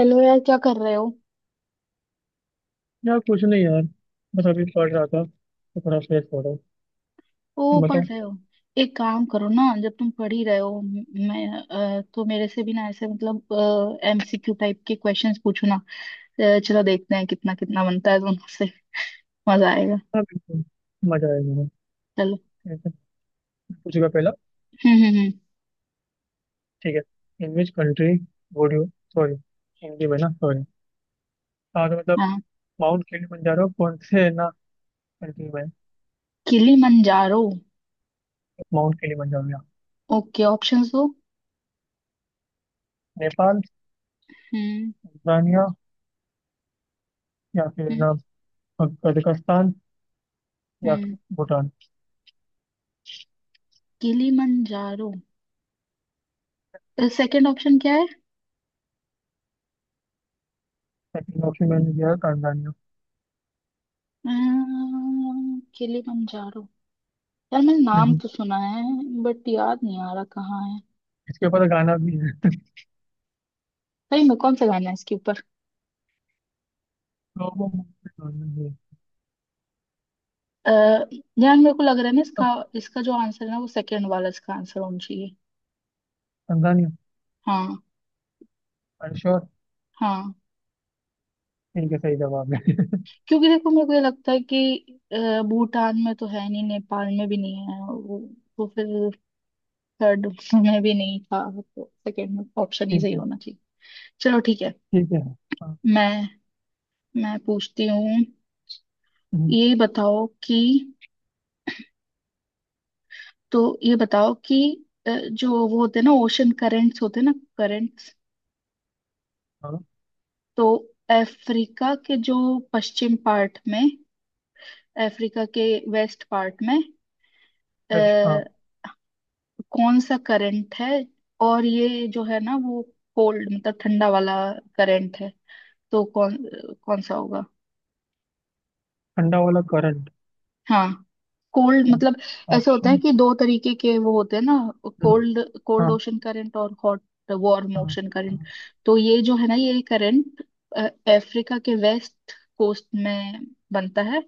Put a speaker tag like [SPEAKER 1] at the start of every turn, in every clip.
[SPEAKER 1] Hello यार, क्या कर रहे हो?
[SPEAKER 2] यार कुछ नहीं यार। बस अभी पढ़ रहा था तो थोड़ा फ्रेश हो रहा हूँ।
[SPEAKER 1] ओ,
[SPEAKER 2] तुम
[SPEAKER 1] पढ़
[SPEAKER 2] बताओ।
[SPEAKER 1] रहे हो। एक काम करो ना, जब तुम पढ़ ही रहे हो मैं तो मेरे से भी ना, ऐसे मतलब एमसीक्यू टाइप के क्वेश्चंस पूछो ना। चलो देखते हैं कितना कितना बनता है दोनों से। मजा आएगा।
[SPEAKER 2] हाँ, बिल्कुल। मजा आएगा।
[SPEAKER 1] चलो।
[SPEAKER 2] ठीक है। पूछेगा पहला।
[SPEAKER 1] हम्म हम्म हम्म
[SPEAKER 2] ठीक है। In which country would you sorry. Hindi में ना सॉरी। हाँ तो मतलब
[SPEAKER 1] हाँ।
[SPEAKER 2] माउंट किलिमंजारो कौन से ना कंट्री में है?
[SPEAKER 1] किलिमंजारो।
[SPEAKER 2] माउंट किलिमंजारो, या
[SPEAKER 1] ओके, ऑप्शंस दो।
[SPEAKER 2] नेपाल,
[SPEAKER 1] हम्म
[SPEAKER 2] tanzania, या फिर
[SPEAKER 1] हम्म
[SPEAKER 2] ना कजाकिस्तान, या
[SPEAKER 1] हम्म
[SPEAKER 2] फिर भूटान।
[SPEAKER 1] किलिमंजारो। सेकंड ऑप्शन क्या है?
[SPEAKER 2] सेकंड ऑप्शन मैंने दिया है tanzania।
[SPEAKER 1] अ, किलिमंजारो। यार, मैंने नाम
[SPEAKER 2] हम्म।
[SPEAKER 1] तो सुना है, बट याद नहीं आ रहा कहाँ।
[SPEAKER 2] इसके ऊपर तो गाना भी है
[SPEAKER 1] भाई मेरे को कौन सा गाना है इसके ऊपर?
[SPEAKER 2] तो वो मुझे।
[SPEAKER 1] अः यार, मेरे को लग रहा है ना इसका, इसका जो आंसर है ना, वो सेकंड वाला इसका आंसर होना चाहिए।
[SPEAKER 2] tanzania।
[SPEAKER 1] हाँ।
[SPEAKER 2] अरे श्योर।
[SPEAKER 1] हाँ।
[SPEAKER 2] ठीक है, सही जवाब है
[SPEAKER 1] क्योंकि देखो, मेरे को ये लगता है कि भूटान में तो है नहीं, नेपाल में भी नहीं है वो। तो फिर थर्ड में भी नहीं था, तो सेकंड ऑप्शन ही
[SPEAKER 2] ठीक
[SPEAKER 1] सही
[SPEAKER 2] है।
[SPEAKER 1] होना चाहिए। चलो, ठीक है।
[SPEAKER 2] ठीक है हाँ।
[SPEAKER 1] मैं मैं पूछती हूँ।
[SPEAKER 2] हम्म,
[SPEAKER 1] ये बताओ कि, तो ये बताओ कि जो वो होते हैं ना, ओशन करेंट्स होते हैं ना, करेंट्स।
[SPEAKER 2] हाँ।
[SPEAKER 1] तो अफ्रीका के जो पश्चिम पार्ट में, अफ्रीका के वेस्ट पार्ट में अ,
[SPEAKER 2] बेस्ट, हाँ।
[SPEAKER 1] कौन सा करंट है? और ये जो है ना वो कोल्ड मतलब ठंडा वाला करंट है। तो कौन कौन सा होगा?
[SPEAKER 2] ठंडा वाला करंट।
[SPEAKER 1] हाँ, कोल्ड
[SPEAKER 2] अच्छा।
[SPEAKER 1] मतलब ऐसे होता है
[SPEAKER 2] ऑप्शन।
[SPEAKER 1] कि दो तरीके के वो होते हैं ना।
[SPEAKER 2] हम्म,
[SPEAKER 1] कोल्ड कोल्ड
[SPEAKER 2] हाँ।
[SPEAKER 1] ओशन करंट और हॉट, वार्म
[SPEAKER 2] हाँ।
[SPEAKER 1] Ocean current.
[SPEAKER 2] हाँ।
[SPEAKER 1] तो ये जो है ना, ये करंट अफ्रीका के वेस्ट कोस्ट में बनता है,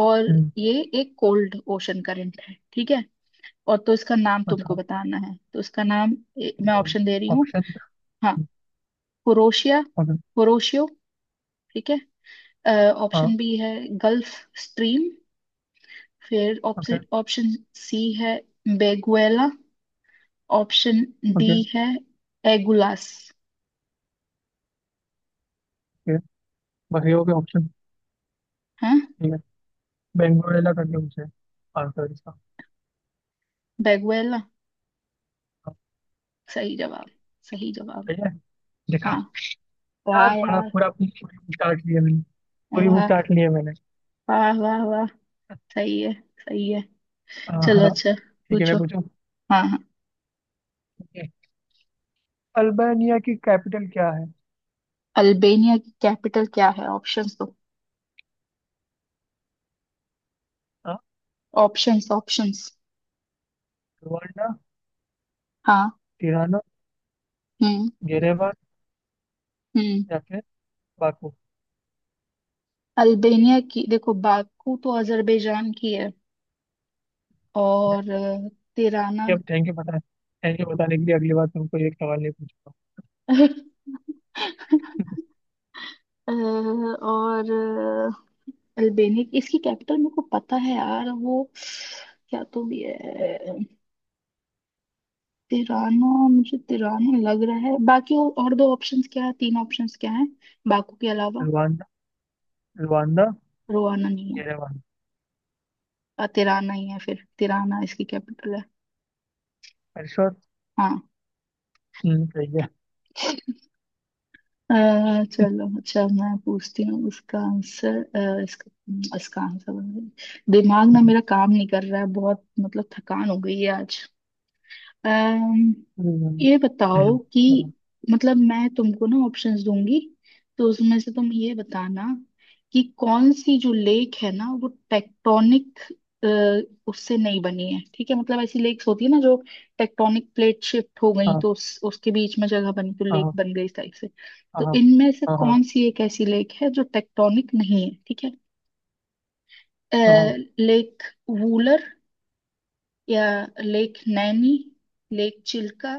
[SPEAKER 1] और
[SPEAKER 2] हम्म।
[SPEAKER 1] ये एक कोल्ड ओशन करंट है, ठीक है। और तो इसका नाम तुमको
[SPEAKER 2] अच्छा।
[SPEAKER 1] बताना है, तो इसका नाम, ए, मैं
[SPEAKER 2] ठीक है।
[SPEAKER 1] ऑप्शन दे रही हूँ।
[SPEAKER 2] ऑप्शन।
[SPEAKER 1] हाँ, कुरोशिया,
[SPEAKER 2] ओके।
[SPEAKER 1] कुरोशियो, ठीक है। ऑप्शन
[SPEAKER 2] हाँ।
[SPEAKER 1] बी है गल्फ स्ट्रीम। फिर
[SPEAKER 2] ओके।
[SPEAKER 1] ऑप्शन ऑप्शन सी है बेगुएला। Option D
[SPEAKER 2] okay.
[SPEAKER 1] है एगुलास।
[SPEAKER 2] ओके। बस ये हो गया ऑप्शन।
[SPEAKER 1] हाँ,
[SPEAKER 2] ठीक है। बेंगोरेला करके मुझे आंसर इसका।
[SPEAKER 1] बेगुएला।
[SPEAKER 2] हाँ।
[SPEAKER 1] सही जवाब, सही जवाब।
[SPEAKER 2] ठीक है। देखा।
[SPEAKER 1] हाँ। वाह
[SPEAKER 2] यार पढ़ा,
[SPEAKER 1] यार।
[SPEAKER 2] पूरा अपनी पूरी बुक चाट लिया मैंने। पूरी बुक
[SPEAKER 1] वाह
[SPEAKER 2] चाट लिया मैंने।
[SPEAKER 1] वाह वाह वाह सही है, सही है।
[SPEAKER 2] हाँ,
[SPEAKER 1] चलो,
[SPEAKER 2] हाँ।
[SPEAKER 1] अच्छा।
[SPEAKER 2] ठीक है, मैं
[SPEAKER 1] पूछो।
[SPEAKER 2] पूछूं।
[SPEAKER 1] हाँ।
[SPEAKER 2] ओके। अल्बानिया की कैपिटल क्या है?
[SPEAKER 1] अल्बेनिया की कैपिटल क्या है? ऑप्शंस दो।
[SPEAKER 2] हाँ।
[SPEAKER 1] Options options
[SPEAKER 2] Rwanda.
[SPEAKER 1] हाँ।
[SPEAKER 2] तिराना।
[SPEAKER 1] हम्म
[SPEAKER 2] गेरेबान।
[SPEAKER 1] हम्म
[SPEAKER 2] या फिर बाकू।
[SPEAKER 1] अल्बेनिया की, देखो, बाकू तो अजरबैजान की है। और तिराना।
[SPEAKER 2] जब थैंक यू, पता है, थैंक यू बताने के लिए अगली बार तुमको एक सवाल नहीं पूछूंगा।
[SPEAKER 1] अ, और अ, अल्बेनिया की- इसकी कैपिटल मेरे को पता है यार, वो क्या तो भी है, तिराना। मुझे तिराना लग रहा है। बाकी और दो ऑप्शंस क्या है, तीन ऑप्शंस क्या है बाकू के अलावा?
[SPEAKER 2] रुवांडा। रुवांडा।
[SPEAKER 1] रोआना नहीं है?
[SPEAKER 2] ये रुवांडा।
[SPEAKER 1] तिराना ही है, फिर तिराना इसकी कैपिटल है।
[SPEAKER 2] रिश्वत।
[SPEAKER 1] हाँ।
[SPEAKER 2] सही है।
[SPEAKER 1] अ, चलो अच्छा, मैं पूछती हूँ इसका आंसर। अ, इसका इसका आंसर, दिमाग ना
[SPEAKER 2] हम्म।
[SPEAKER 1] मेरा काम नहीं कर रहा है बहुत, मतलब थकान हो गई है आज। अम्म
[SPEAKER 2] हम्म।
[SPEAKER 1] ये बताओ
[SPEAKER 2] हम्म।
[SPEAKER 1] कि,
[SPEAKER 2] बताओ।
[SPEAKER 1] मतलब मैं तुमको ना ऑप्शंस दूंगी, तो उसमें से तुम ये बताना कि कौन सी जो लेक है ना, वो टेक्टोनिक उससे नहीं बनी है, ठीक है। मतलब ऐसी लेक्स होती है ना, जो टेक्टोनिक प्लेट शिफ्ट हो गई
[SPEAKER 2] हाँ
[SPEAKER 1] तो उसके बीच में जगह बनी, तो लेक
[SPEAKER 2] हाँ।
[SPEAKER 1] बन गई इस टाइप से।
[SPEAKER 2] हाँ,
[SPEAKER 1] तो इनमें से
[SPEAKER 2] हाँ। हाँ,
[SPEAKER 1] कौन सी एक ऐसी लेक है जो टेक्टोनिक नहीं है, ठीक है।
[SPEAKER 2] हाँ। हाँ।
[SPEAKER 1] लेक वूलर, या लेक नैनी, लेक चिल्का,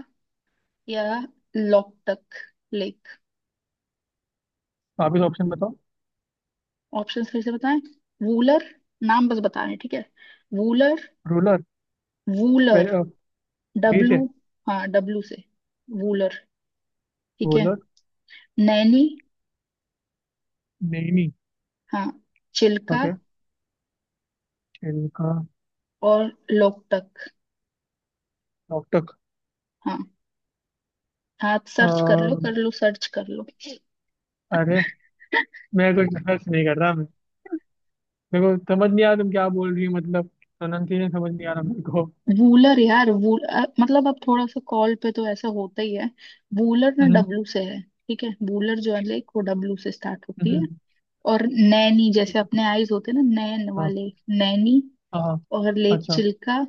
[SPEAKER 1] या लोकटक लेक।
[SPEAKER 2] वापिस ऑप्शन बताओ।
[SPEAKER 1] ऑप्शंस फिर से बताएं। वूलर, नाम बस बताएं, ठीक है। Wular.
[SPEAKER 2] Ruler. Spell.
[SPEAKER 1] Wular.
[SPEAKER 2] B
[SPEAKER 1] W.
[SPEAKER 2] से।
[SPEAKER 1] हाँ, डब्लू से वूलर, ठीक है।
[SPEAKER 2] रूलर।
[SPEAKER 1] नैनी।
[SPEAKER 2] नैनी।
[SPEAKER 1] हाँ। चिल्का।
[SPEAKER 2] ओके। छिलका।
[SPEAKER 1] और लोकटक।
[SPEAKER 2] नोकटक।
[SPEAKER 1] हाँ, आप
[SPEAKER 2] अ,
[SPEAKER 1] सर्च कर लो, कर लो, सर्च कर लो।
[SPEAKER 2] अरे, मैं कुछ रिसर्च नहीं कर रहा। मैं मेरे को समझ नहीं आ रहा तुम क्या बोल रही हो, मतलब प्रोनाउंसिएशन समझ नहीं आ रहा मेरे को।
[SPEAKER 1] वूलर यार, वूल, मतलब अब थोड़ा सा कॉल पे तो ऐसा होता ही है। वूलर ना
[SPEAKER 2] हम्म।
[SPEAKER 1] डब्लू से है। ठीक है, वूलर जो है लेक, वो डब्लू से स्टार्ट होती है।
[SPEAKER 2] हम्म।
[SPEAKER 1] और नैनी, जैसे अपने आईज होते हैं ना, नैन
[SPEAKER 2] हाँ।
[SPEAKER 1] वाले, नैनी।
[SPEAKER 2] हाँ। हाँ।
[SPEAKER 1] और लेक
[SPEAKER 2] अच्छा।
[SPEAKER 1] चिल्का,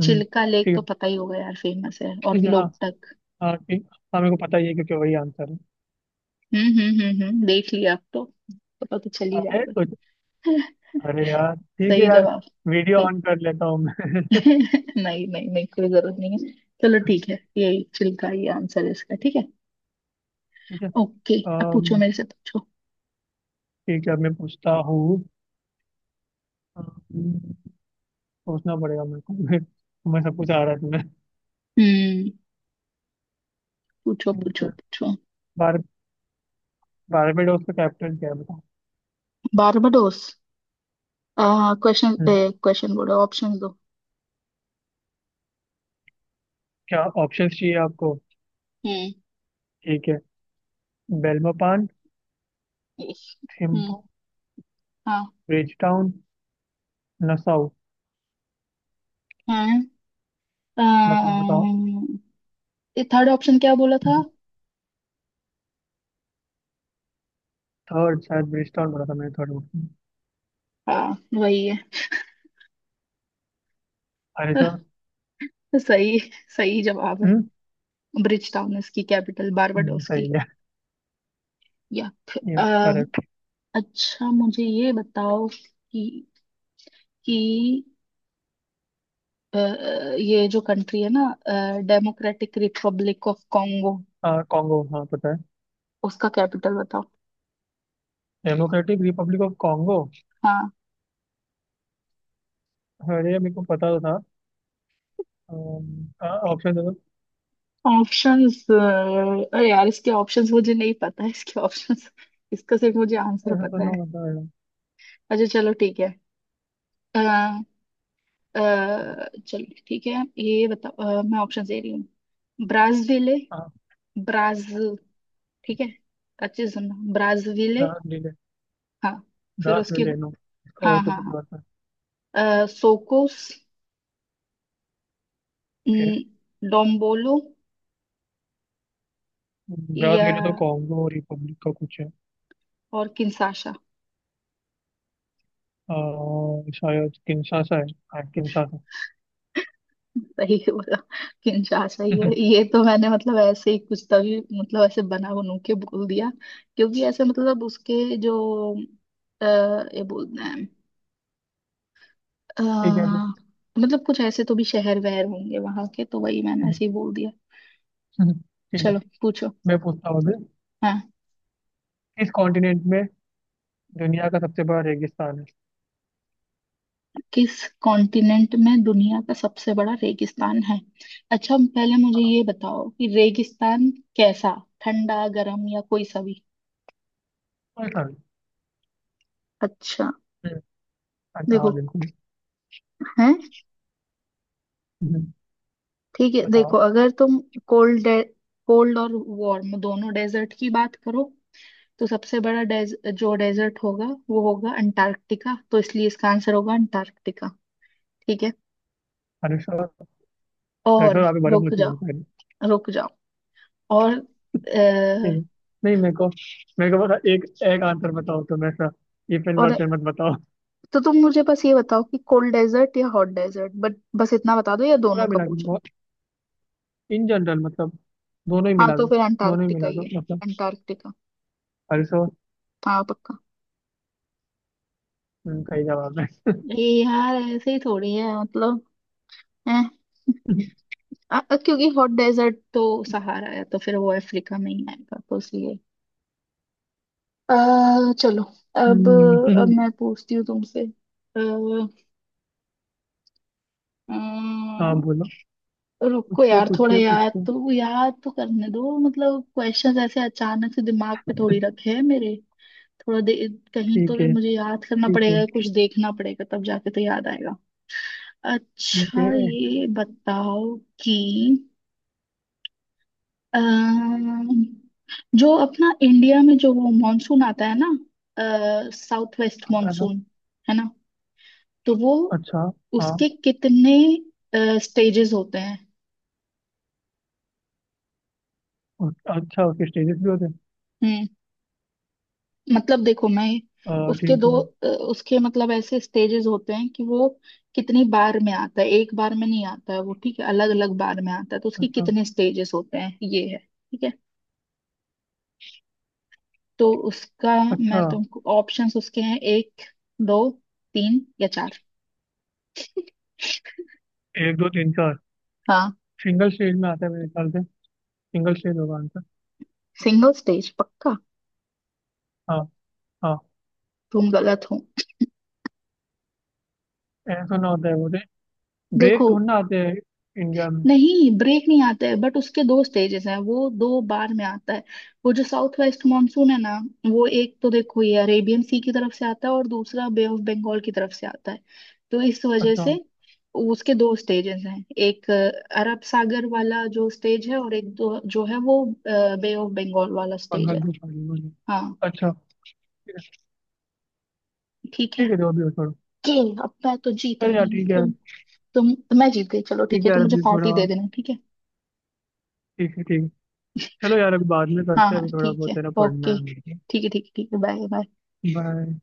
[SPEAKER 2] हम्म।
[SPEAKER 1] चिल्का लेक
[SPEAKER 2] ठीक
[SPEAKER 1] तो
[SPEAKER 2] है
[SPEAKER 1] पता ही होगा यार, फेमस है। और
[SPEAKER 2] ठीक है, हाँ।
[SPEAKER 1] लोकटक।
[SPEAKER 2] हाँ, ठीक। हाँ, मेरे को पता ही है क्योंकि वही आंसर है।
[SPEAKER 1] देख लिया आप तो, पता तो चल ही
[SPEAKER 2] अरे,
[SPEAKER 1] जाएगा।
[SPEAKER 2] कुछ। अरे यार, ठीक है
[SPEAKER 1] सही
[SPEAKER 2] यार।
[SPEAKER 1] जवाब।
[SPEAKER 2] वीडियो
[SPEAKER 1] सही।
[SPEAKER 2] ऑन कर लेता हूँ मैं
[SPEAKER 1] नहीं नहीं नहीं कोई जरूरत नहीं है। चलो ठीक है, यही चिल्का ही आंसर है इसका, ठीक है।
[SPEAKER 2] ठीक है।
[SPEAKER 1] ओके। अब पूछो,
[SPEAKER 2] अम,
[SPEAKER 1] मेरे से पूछो।
[SPEAKER 2] ठीक है, अब मैं पूछता हूँ। अम, सोचना पड़ेगा मेरे को मैं सब कुछ आ रहा है तुम्हें।
[SPEAKER 1] हम्म।
[SPEAKER 2] ठीक है।
[SPEAKER 1] पूछो।
[SPEAKER 2] बार बारबेडोस का कैप्टन क्या है, बताओ।
[SPEAKER 1] बारबाडोस। क्वेश्चन,
[SPEAKER 2] हम्म।
[SPEAKER 1] क्वेश्चन बोलो, ऑप्शन दो।
[SPEAKER 2] क्या ऑप्शंस चाहिए आपको?
[SPEAKER 1] हम्म
[SPEAKER 2] ठीक है। बेल्मोपान।
[SPEAKER 1] हम्म
[SPEAKER 2] थिम्पू।
[SPEAKER 1] हाँ।
[SPEAKER 2] ब्रिजटाउन। नसाउ।
[SPEAKER 1] हाँ।
[SPEAKER 2] बताओ, बताओ।
[SPEAKER 1] अम्म, ये थर्ड ऑप्शन क्या बोला था?
[SPEAKER 2] थर्ड शायद ब्रिजटाउन बोला था मैंने, थर्ड ऑप्शन।
[SPEAKER 1] हाँ, वही है।
[SPEAKER 2] अरे सर।
[SPEAKER 1] सही, सही जवाब है।
[SPEAKER 2] हम्म?
[SPEAKER 1] ब्रिज टाउन, इसकी कैपिटल बारबाडोस की।
[SPEAKER 2] सही है।
[SPEAKER 1] या फिर,
[SPEAKER 2] यस,
[SPEAKER 1] अ,
[SPEAKER 2] करेक्ट।
[SPEAKER 1] अच्छा, मुझे ये बताओ कि अ, ये जो कंट्री है ना, डेमोक्रेटिक रिपब्लिक ऑफ कॉन्गो,
[SPEAKER 2] हाँ, कॉन्गो, हाँ पता है।
[SPEAKER 1] उसका कैपिटल बताओ।
[SPEAKER 2] Democratic Republic of Congo.
[SPEAKER 1] हाँ।
[SPEAKER 2] अरे, ये मेरे को पता तो था। ऑप्शन दे दो।
[SPEAKER 1] ऑप्शंस, अरे यार, इसके ऑप्शंस मुझे नहीं पता है। इसके ऑप्शंस, इसका सिर्फ मुझे आंसर
[SPEAKER 2] ऐसा तो
[SPEAKER 1] पता
[SPEAKER 2] ना
[SPEAKER 1] है।
[SPEAKER 2] होता है।
[SPEAKER 1] अच्छा चलो, ठीक है। अ, चलिए ठीक है, ये बताओ। मैं ऑप्शन दे रही हूँ। ब्राजीले,
[SPEAKER 2] हाँ।
[SPEAKER 1] ब्राज, ठीक है, अच्छे से सुनना, ब्राजीले।
[SPEAKER 2] ग्रासविले।
[SPEAKER 1] हाँ, फिर उसके,
[SPEAKER 2] ग्रासविले, नो। और
[SPEAKER 1] हाँ
[SPEAKER 2] तो कुछ
[SPEAKER 1] हाँ,
[SPEAKER 2] बात है।
[SPEAKER 1] हाँ सोकोस,
[SPEAKER 2] फिर
[SPEAKER 1] डोम्बोलो, या,
[SPEAKER 2] ग्रासविले तो कॉन्गो रिपब्लिक का कुछ है।
[SPEAKER 1] और किंशासा।
[SPEAKER 2] अ, शायद किंशासा है। हाँ, किंशासा।
[SPEAKER 1] सही बोला, किंशासा ही है। ये तो मैंने मतलब ऐसे ही, कुछ तभी मतलब ऐसे बना बनू के बोल दिया, क्योंकि ऐसे मतलब उसके जो अ, ये बोलते हैं,
[SPEAKER 2] ठीक है अभी।
[SPEAKER 1] अ, मतलब कुछ ऐसे तो भी शहर वहर होंगे वहां के, तो वही मैंने
[SPEAKER 2] हम्म।
[SPEAKER 1] ऐसे ही बोल दिया।
[SPEAKER 2] ठीक है,
[SPEAKER 1] चलो, पूछो।
[SPEAKER 2] मैं पूछता हूँ अभी।
[SPEAKER 1] हाँ।
[SPEAKER 2] किस कॉन्टिनेंट में दुनिया का सबसे बड़ा रेगिस्तान है?
[SPEAKER 1] किस कॉन्टिनेंट में दुनिया का सबसे बड़ा रेगिस्तान है? अच्छा, पहले मुझे ये बताओ कि रेगिस्तान कैसा? ठंडा, गर्म, या कोई सा भी?
[SPEAKER 2] पाकिस्तान
[SPEAKER 1] अच्छा।
[SPEAKER 2] है। हाँ
[SPEAKER 1] देखो,
[SPEAKER 2] बिल्कुल।
[SPEAKER 1] है,
[SPEAKER 2] हम्म।
[SPEAKER 1] ठीक है। देखो,
[SPEAKER 2] बताओ।
[SPEAKER 1] अगर तुम कोल्ड कोल्ड और वार्म दोनों डेजर्ट की बात करो, तो सबसे बड़ा जो डेजर्ट होगा वो होगा अंटार्कटिका। तो इसलिए इसका आंसर होगा अंटार्कटिका, ठीक है।
[SPEAKER 2] हनुशा।
[SPEAKER 1] और
[SPEAKER 2] हनुशा, यहाँ पे बर्फ
[SPEAKER 1] रुक
[SPEAKER 2] होती है बहुत
[SPEAKER 1] जाओ
[SPEAKER 2] सारी।
[SPEAKER 1] रुक जाओ। और
[SPEAKER 2] ठीक
[SPEAKER 1] अ,
[SPEAKER 2] है। नहीं, मेरे को, बस एक एक आंसर बताओ, तो मैं सा, इफ एंड
[SPEAKER 1] और
[SPEAKER 2] वर्ड्स मत बताओ।
[SPEAKER 1] तो तुम मुझे बस ये बताओ कि कोल्ड डेजर्ट या हॉट डेजर्ट, बट बस इतना बता दो, या दोनों
[SPEAKER 2] पूरा
[SPEAKER 1] का
[SPEAKER 2] मिला के,
[SPEAKER 1] पूछो।
[SPEAKER 2] इन जनरल मतलब, दोनों ही
[SPEAKER 1] हाँ,
[SPEAKER 2] मिला
[SPEAKER 1] तो
[SPEAKER 2] दो।
[SPEAKER 1] फिर
[SPEAKER 2] दोनों ही
[SPEAKER 1] अंटार्कटिका
[SPEAKER 2] मिला
[SPEAKER 1] ही
[SPEAKER 2] दो
[SPEAKER 1] है।
[SPEAKER 2] मतलब।
[SPEAKER 1] अंटार्कटिका।
[SPEAKER 2] हर्षो।
[SPEAKER 1] हाँ, पक्का।
[SPEAKER 2] सही जवाब है।
[SPEAKER 1] ये यार ऐसे ही थोड़ी है मतलब, हैं? क्योंकि हॉट डेजर्ट तो सहारा है, तो फिर वो अफ्रीका में ही आएगा, तो इसलिए। चलो, अब अब
[SPEAKER 2] हम्म।
[SPEAKER 1] मैं पूछती हूँ तुमसे। अ, अ,
[SPEAKER 2] हाँ, बोलो।
[SPEAKER 1] रुको
[SPEAKER 2] पूछे,
[SPEAKER 1] यार, थोड़ा
[SPEAKER 2] पूछे, पूछे।
[SPEAKER 1] याद तो करने दो, मतलब क्वेश्चंस ऐसे अचानक से दिमाग पे थोड़ी रखे हैं मेरे। थोड़ा दे, कहीं तो
[SPEAKER 2] ठीक
[SPEAKER 1] भी
[SPEAKER 2] है।
[SPEAKER 1] मुझे याद करना
[SPEAKER 2] ठीक है।
[SPEAKER 1] पड़ेगा, कुछ देखना पड़ेगा, तब जाके तो याद आएगा।
[SPEAKER 2] ठीक
[SPEAKER 1] अच्छा
[SPEAKER 2] है।
[SPEAKER 1] ये बताओ कि, अम, जो अपना इंडिया में जो वो मॉनसून आता है ना, साउथ वेस्ट
[SPEAKER 2] आता है ना?
[SPEAKER 1] मॉनसून, है ना, तो वो
[SPEAKER 2] अच्छा। हाँ।
[SPEAKER 1] उसके कितने स्टेजेस होते हैं?
[SPEAKER 2] अच्छा, उसके स्टेजेस भी होते हैं?
[SPEAKER 1] हम्म, मतलब देखो मैं, उसके
[SPEAKER 2] ठीक
[SPEAKER 1] दो,
[SPEAKER 2] है।
[SPEAKER 1] उसके मतलब ऐसे स्टेजेस होते हैं कि वो कितनी बार में आता है, एक बार में नहीं आता है वो, ठीक है, अलग अलग बार में आता है, तो उसके
[SPEAKER 2] अच्छा।
[SPEAKER 1] कितने स्टेजेस होते हैं, ये है, ठीक है। तो उसका, मैं
[SPEAKER 2] अच्छा।
[SPEAKER 1] तुमको ऑप्शंस, उसके हैं एक, दो, तीन या चार।
[SPEAKER 2] एक, दो, तीन, चार।
[SPEAKER 1] हाँ,
[SPEAKER 2] सिंगल स्टेज में आता है मेरे ख्याल से। सिंगल स्टेज होगा आंसर।
[SPEAKER 1] सिंगल स्टेज पक्का?
[SPEAKER 2] हाँ। हाँ।
[SPEAKER 1] तुम गलत हो।
[SPEAKER 2] ऐसा सुना होता है वो। ब्रेक
[SPEAKER 1] देखो,
[SPEAKER 2] थोड़ी ना आते हैं इंडिया में।
[SPEAKER 1] नहीं ब्रेक नहीं आता है, बट उसके दो स्टेजेस हैं, वो दो बार में आता है। वो जो साउथ वेस्ट मानसून है ना, वो एक तो देखो ये अरेबियन सी की तरफ से आता है, और दूसरा बे ऑफ बंगाल की तरफ से आता है। तो इस वजह
[SPEAKER 2] अच्छा,
[SPEAKER 1] से उसके दो स्टेजेस हैं, एक अरब सागर वाला जो स्टेज है, और एक दो जो है वो बे ऑफ बंगाल वाला स्टेज है।
[SPEAKER 2] बांग्लादेश वाले बोले।
[SPEAKER 1] हाँ,
[SPEAKER 2] अच्छा। ठीक है।
[SPEAKER 1] ठीक है।
[SPEAKER 2] ठीक है, जो भी हो, छोड़ो।
[SPEAKER 1] ये अब मैं तो जीत
[SPEAKER 2] चलो
[SPEAKER 1] रही
[SPEAKER 2] यार,
[SPEAKER 1] हूँ
[SPEAKER 2] ठीक है यार।
[SPEAKER 1] तुम, मैं जीत गई। चलो ठीक
[SPEAKER 2] ठीक
[SPEAKER 1] है,
[SPEAKER 2] है यार,
[SPEAKER 1] तुम मुझे
[SPEAKER 2] अभी थोड़ा।
[SPEAKER 1] पार्टी दे देना, ठीक है।
[SPEAKER 2] ठीक है। ठीक है। चलो यार, अभी बाद में
[SPEAKER 1] हाँ
[SPEAKER 2] करते हैं,
[SPEAKER 1] हाँ
[SPEAKER 2] अभी थोड़ा
[SPEAKER 1] ठीक है,
[SPEAKER 2] बहुत है ना, पढ़ना
[SPEAKER 1] ओके।
[SPEAKER 2] है मेरे
[SPEAKER 1] ठीक है, बाय बाय।
[SPEAKER 2] को। बाय।